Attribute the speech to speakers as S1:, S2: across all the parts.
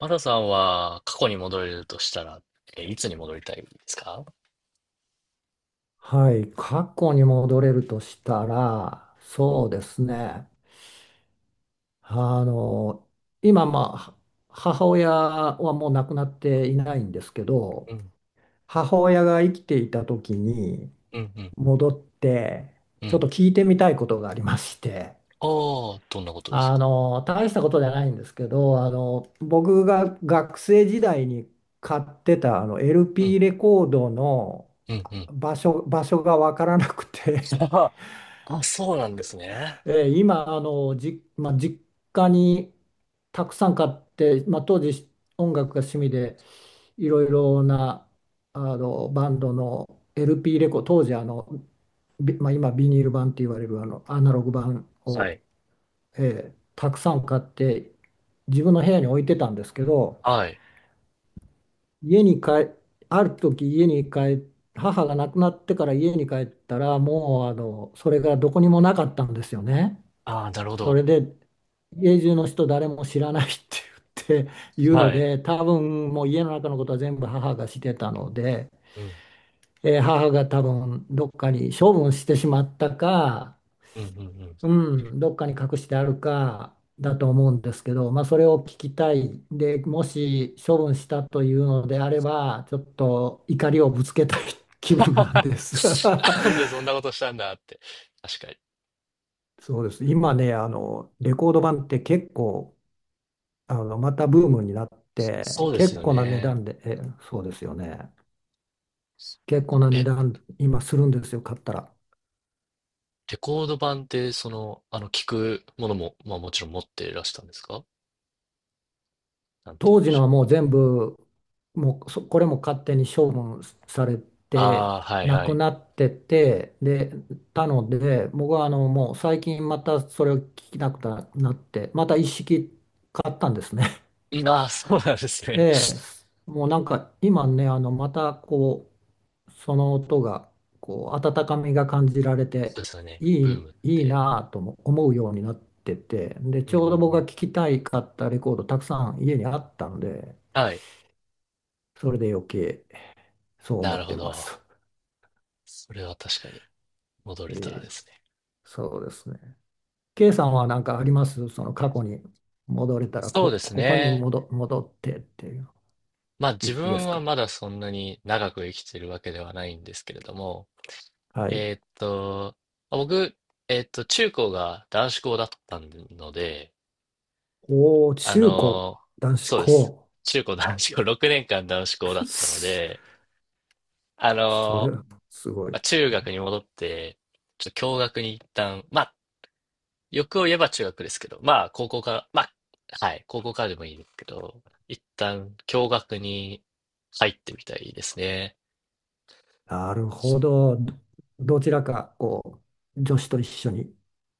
S1: マサさんは過去に戻れるとしたら、いつに戻りたいですか？
S2: はい、過去に戻れるとしたら、そうですね。あの、今、まあ、母親はもう亡くなっていないんですけど、
S1: うん、
S2: 母親が生きていた時に
S1: うん、うん、
S2: 戻って、
S1: う
S2: ちょっ
S1: ん。
S2: と聞いてみたいことがありまして、
S1: ああ、どんなことですか？
S2: 大したことじゃないんですけど、僕が学生時代に買ってたあの
S1: うん、
S2: LP レコードの
S1: うん、うん。
S2: 場所がわからなく て、
S1: あ、そうなんですね。
S2: 今あのじ、まあ、実家にたくさん買って、まあ、当時音楽が趣味でいろいろなあのバンドの LP 当時、まあ、今ビニール版って言われるあのアナログ版
S1: は
S2: を、
S1: い。
S2: たくさん買って自分の部屋に置いてたんですけど、
S1: はい。
S2: 家に帰ある時、家に帰っ母が亡くなってから家に帰ったら、もうそれがどこにもなかったんですよね。
S1: ああ、なるほ
S2: そ
S1: ど。
S2: れで家中の人誰も知らないって言って、言うの
S1: はい。
S2: で、多分もう家の中のことは全部母がしてたので、
S1: うん、
S2: 母が多分どっかに処分してしまったか、
S1: うん、うん、うん。
S2: うん、どっかに隠してあるかだと思うんですけど、まあ、それを聞きたい。でもし処分したというのであれば、ちょっと怒りをぶつけたい気分なんです。
S1: なんでそんなこ としたんだって。確かに。
S2: そうです。今ね、レコード盤って結構、またブームになって、
S1: そうです
S2: 結
S1: よ
S2: 構な値
S1: ね。
S2: 段で、そうですよね。結構な値
S1: え、
S2: 段、今するんですよ、買ったら。
S1: レコード盤って、その、あの、聞くものも、まあもちろん持っていらしたんですか？なんて言
S2: 当
S1: うん
S2: 時
S1: でし
S2: の
S1: ょう？
S2: はもう全部、もうそ、これも勝手に処分され
S1: あ
S2: て、
S1: あ、はい、
S2: な
S1: は
S2: く
S1: い。
S2: なってて、で、たので、僕はもう最近またそれを聞きなくなって、また一式買ったんですね。
S1: いいなあ、そうなんです
S2: え
S1: ね。そ
S2: え、もうなんか今ね、またこう、その音がこう温かみが感じられ
S1: う
S2: て、
S1: ですよね。ブームっ
S2: いい
S1: て。
S2: なぁとも思うようになってて、で、
S1: うん
S2: ち
S1: う
S2: ょうど
S1: ん
S2: 僕
S1: う
S2: が
S1: ん。
S2: 聴きたいかったレコードたくさん家にあったんで、
S1: はい。
S2: それで余計そう思
S1: なる
S2: っ
S1: ほ
S2: てます。
S1: ど。それは確かに戻れたら
S2: ええ、
S1: ですね。
S2: そうですね。K さんは何かありますその過去に戻れたら、
S1: そうです
S2: ここに
S1: ね。
S2: 戻ってっていう、
S1: まあ
S2: い
S1: 自
S2: つで
S1: 分
S2: す
S1: は
S2: か？
S1: まだそんなに長く生きてるわけではないんですけれども、
S2: はい。
S1: えーっと、まあ僕、中高が男子校だったので、
S2: おー、
S1: あ
S2: 中高、
S1: のー
S2: 男子
S1: そうです。
S2: 高。
S1: 中高男子校、6年間男子校だったの
S2: す
S1: で、あ
S2: そ
S1: の
S2: れ、
S1: ー
S2: すご
S1: まあ
S2: い。
S1: 中学に戻って、ちょっと共学に一旦、まあ欲を言えば中学ですけど、まあ、高校から、まあ、はい、高校からでもいいですけど、一旦、共学に入ってみたいですね。
S2: なるほど。どちらか、こう、女子と一緒に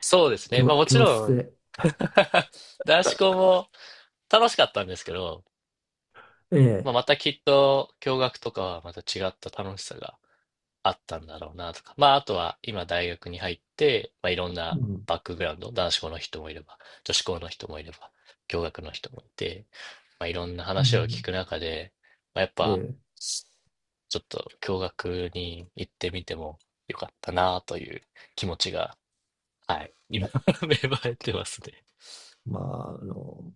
S1: そうですね。まあもち
S2: 教
S1: ろ
S2: 室
S1: ん
S2: で、
S1: 男子校も楽しかったんですけど、
S2: え
S1: まあ
S2: え、
S1: またきっと、共学とかはまた違った楽しさがあったんだろうなとか。まあ、あとは今大学に入って、まあ、いろん
S2: う
S1: な
S2: ん、
S1: バックグラウンド、男子校の人もいれば、女子校の人もいれば、共学の人もいて、まあ、いろんな
S2: う
S1: 話を聞
S2: ん、
S1: く中で、まあ、やっ
S2: え
S1: ぱ、
S2: え、
S1: ちょっと共学に行ってみてもよかったなという気持ちが、はい、今 芽生えてますね。
S2: まあ、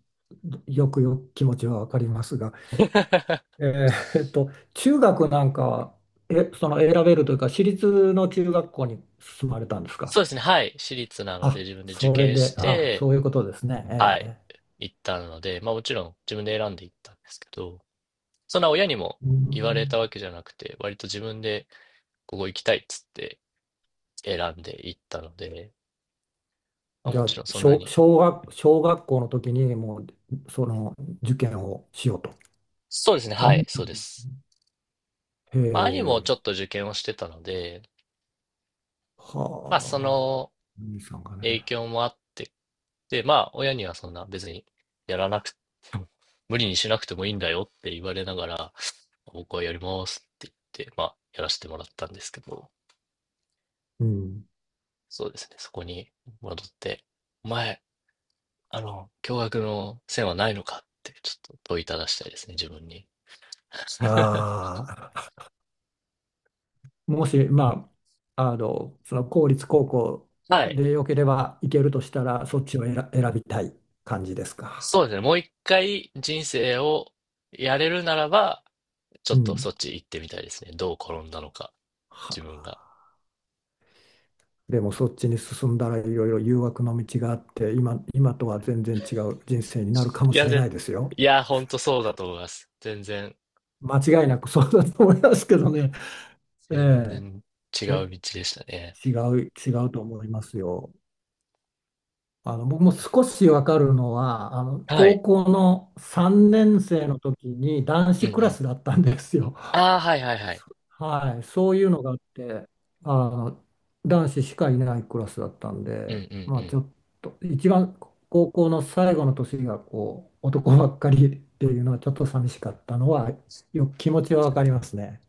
S2: よくよく気持ちはわかりますが、え中学なんかは、その選べるというか、私立の中学校に進まれたんですか？
S1: そうですね、はい、私立なので
S2: あ、
S1: 自分で受
S2: それ
S1: 験し
S2: で、あ、
S1: て、
S2: そういうことですね。
S1: は
S2: え
S1: い、
S2: え。
S1: 行ったので、まあもちろん自分で選んで行ったんですけど、そんな親にも
S2: う
S1: 言われ
S2: ん。
S1: たわけじゃなくて、割と自分でここ行きたいっつって選んで行ったので、まあ、
S2: じ
S1: も
S2: ゃ
S1: ち
S2: あ、
S1: ろんそんなに。
S2: 小学校の時にもう、その受験をしようと
S1: そうですね、はい、
S2: 思った
S1: そうで
S2: 時。
S1: す。
S2: へ
S1: まあ、兄もちょっ
S2: え、
S1: と受験をしてたので、まあ、そ
S2: はあ、
S1: の
S2: 兄さんがね。
S1: 影響もあって、で、まあ、親にはそんな別にやらなく、無理にしなくてもいいんだよって言われながら、僕はやりますって言って、まあ、やらせてもらったんですけど、
S2: うん。
S1: そうですね、そこに戻って、お前、驚愕の線はないのかってちょっと問いただしたいですね、自分に。
S2: ああ、もし、まあ、その公立高校
S1: はい。
S2: でよければ行けるとしたら、そっちを選びたい感じですか？
S1: そうですね。もう一回人生をやれるならば、ちょ
S2: う
S1: っと
S2: ん。
S1: そっち行ってみたいですね。どう転んだのか、
S2: は
S1: 自分が。
S2: あ、でも、そっちに進んだらいろいろ誘惑の道があって、今とは全然違う人生になるかも
S1: い
S2: し
S1: や、
S2: れな
S1: ぜ、
S2: いですよ。
S1: いや、ほんとそうだと思います。
S2: 間違いなく そうだと思いますけどね。
S1: 全
S2: え
S1: 然違う
S2: え、で、
S1: 道でしたね。
S2: 違違うと思いますよ。僕も少しわかるのは、
S1: は
S2: 高
S1: い。
S2: 校の3年生の時に男
S1: うん
S2: 子
S1: う
S2: クラ
S1: ん。
S2: スだったんですよ。
S1: ああ、はいはいはい。
S2: はい、そういうのがあって、あの、男子しかいないクラスだったん
S1: うんうん
S2: で、
S1: う
S2: まあち
S1: ん。
S2: ょっと、一番高校の最後の年がこう、男ばっかりっていうのはちょっと寂しかったのは、よく気持ちはわかりますね。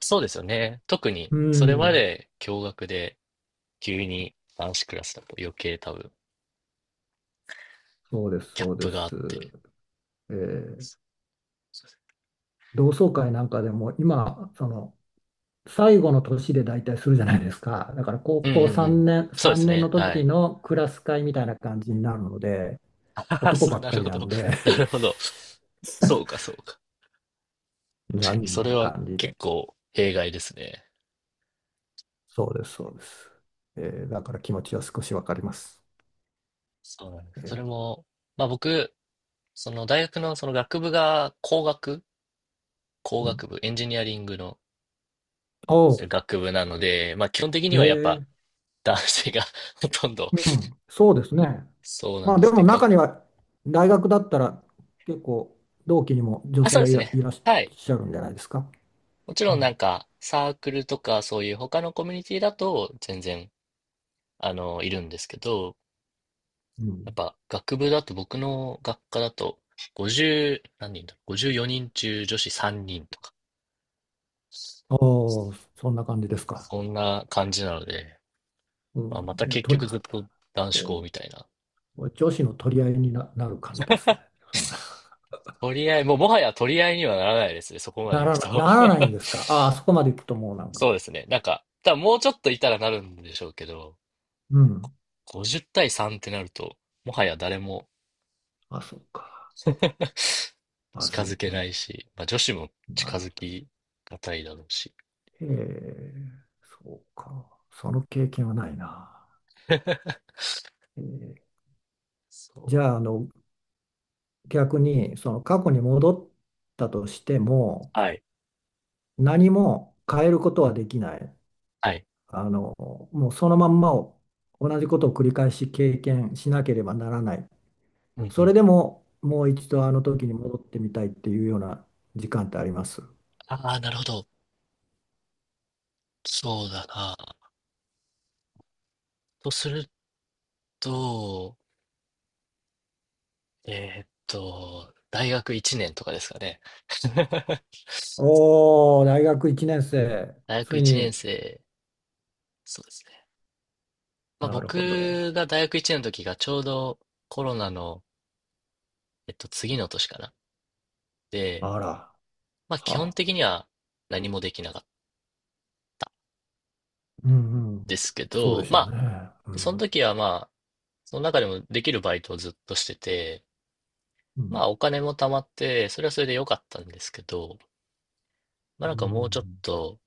S1: そうですよね。特に、
S2: う
S1: それま
S2: ん。
S1: で驚愕で、急に男子クラスだと余計多分
S2: そうです、
S1: ギャッ
S2: そうで
S1: プがあっ
S2: す。
S1: て。
S2: えー同窓会なんかでも今、その最後の年で大体するじゃないですか。だから高
S1: うんう
S2: 校
S1: んう
S2: 3
S1: ん。
S2: 年、
S1: そうで
S2: 3
S1: す
S2: 年の
S1: ね。は
S2: 時
S1: い。
S2: のクラス会みたいな感じになるので、
S1: あはは
S2: 男
S1: そ
S2: ば
S1: う、
S2: っ
S1: な
S2: か
S1: る
S2: り
S1: ほ
S2: な
S1: ど。
S2: んで
S1: なるほど。そうか、そうか。確か
S2: 残
S1: に、
S2: 念
S1: それ
S2: な
S1: は
S2: 感じ
S1: 結
S2: で。
S1: 構弊害ですね。
S2: そうです、そうです。えだから気持ちは少しわかります。
S1: そうなんです。
S2: え
S1: それ
S2: ー
S1: も、まあ僕、その大学のその学部が工
S2: うん、
S1: 学部、エンジニアリングの
S2: おう、
S1: 学部なので、まあ基本的
S2: へ
S1: にはやっぱ
S2: え、
S1: 男性が ほとんど
S2: うん、そうですね。
S1: そうな
S2: ま
S1: ん
S2: あ
S1: で
S2: で
S1: す
S2: も
S1: ね。が、
S2: 中には、大学だったら結構同期にも女
S1: あ、
S2: 性
S1: そうで
S2: が
S1: すね。
S2: いらっ
S1: はい。
S2: しゃるんじゃないですか？
S1: もち
S2: う
S1: ろんなん
S2: ん。
S1: かサークルとかそういう他のコミュニティだと全然いるんですけど、
S2: う
S1: やっ
S2: ん。
S1: ぱ学部だと僕の学科だと50、何人だろう、54人中女子3人とか、
S2: ああ、そんな感じですか？
S1: そんな感じなので、
S2: う
S1: まあ、
S2: ん。
S1: また
S2: いや、
S1: 結局ずっと男子校みたいな。
S2: お女子の取り合いになる感じですね。そんな、
S1: 取り合い、もうもはや取り合いにはならないですね、そこまで行くと。
S2: なら ないんですか？ああ、そこまで行くともうなんか。
S1: そうですね。なんか、多分もうちょっといたらなるんでしょうけど、
S2: うん。
S1: 50対3ってなると、もはや誰も
S2: あ、そうか。ま
S1: 近
S2: ず
S1: づ
S2: い
S1: けない
S2: ね。
S1: し、まあ女子も
S2: な
S1: 近
S2: るほ
S1: づ
S2: ど。
S1: きがたいだろうし。
S2: ええ、そうか。その経験はないな。ええ、
S1: そ
S2: じ
S1: う。
S2: ゃあ、逆にその過去に戻ったとしても、
S1: はい。
S2: 何も変えることはできない。
S1: はい。
S2: あの、もうそのまんまを、同じことを繰り返し経験しなければならない。
S1: うんう
S2: それ
S1: ん。
S2: でももう一度あの時に戻ってみたいっていうような時間ってあります？
S1: ああ、なるほど。そうだな。とすると、大学1年とかですかね。
S2: おおー、大学1年生、
S1: 大学
S2: つい
S1: 1年
S2: に。
S1: 生、そうですね。まあ
S2: なるほど。
S1: 僕が大学1年の時がちょうどコロナの、次の年かな。で、
S2: あら、
S1: まあ基本
S2: はあ。
S1: 的には何もできなかった
S2: うんう
S1: で
S2: ん。
S1: すけ
S2: そうで
S1: ど、
S2: し
S1: ま
S2: ょう
S1: あ、
S2: ね。う
S1: その
S2: ん。
S1: 時はまあ、その中でもできるバイトをずっとしてて、
S2: う
S1: ま
S2: ん。
S1: あお金も貯まって、それはそれで良かったんですけど、まあ、
S2: う
S1: なんかもうちょっ
S2: ん
S1: と、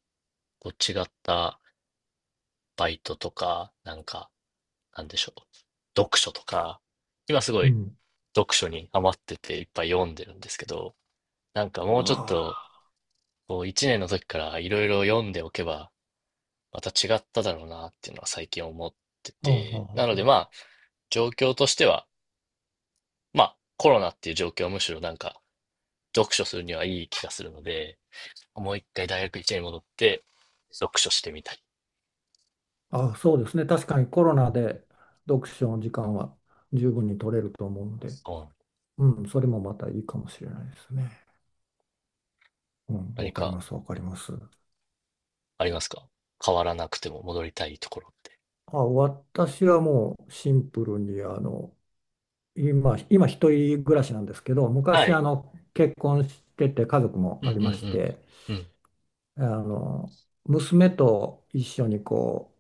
S1: こう違ったバイトとか、なんか、なんでしょう。読書とか、今すご
S2: う
S1: い
S2: ん。
S1: 読書にハマってていっぱい読んでるんですけど、なんかもうちょっ
S2: あ
S1: と、こう一年の時からいろいろ読んでおけば、また違っただろうなっていうのは最近思って
S2: あ。あ
S1: て、なの
S2: あ。
S1: で
S2: あ
S1: ま
S2: あ
S1: あ、状況としては、まあ、コロナっていう状況はむしろなんか、読書するにはいい気がするので、もう一回大学1年に戻って、読書してみたり、
S2: あ、そうですね。確かにコロナで読書の時間は十分に取れると思うので、
S1: うん、
S2: うん、それもまたいいかもしれないですね。うん、
S1: 何
S2: わかり
S1: か
S2: ます、わかります。
S1: ありますか、変わらなくても戻りたいところって？
S2: あ、私はもうシンプルに、今一人暮らしなんですけど、
S1: は
S2: 昔、
S1: い。
S2: 結婚してて家族も
S1: うん
S2: あ
S1: うん
S2: りまし
S1: うん。
S2: て、
S1: うん。
S2: あの、娘と一緒にこう、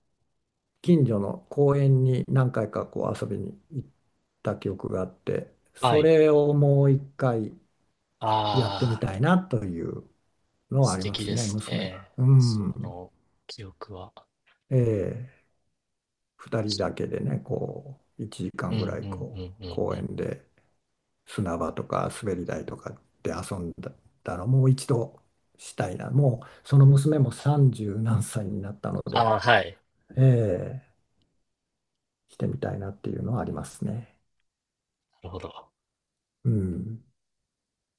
S2: 近所の公園に何回かこう遊びに行った記憶があって、
S1: は
S2: そ
S1: い。
S2: れをもう一回、やってみ
S1: ああ、
S2: たいなというのはあ
S1: 素
S2: りま
S1: 敵
S2: す
S1: で
S2: ね、
S1: す
S2: 娘が。
S1: ね。
S2: うん。
S1: その記憶は。
S2: ええ、二人だけでね、こう、1時
S1: う
S2: 間
S1: んう
S2: ぐ
S1: ん
S2: らい、
S1: う
S2: こう、
S1: んうん
S2: 公
S1: うん。
S2: 園で砂場とか滑り台とかで遊んだだら、もう一度したいな。もう、その娘も30何歳になったので、
S1: ああ、はい。
S2: ええ、してみたいなっていうのはありますね。
S1: なるほど。
S2: うん。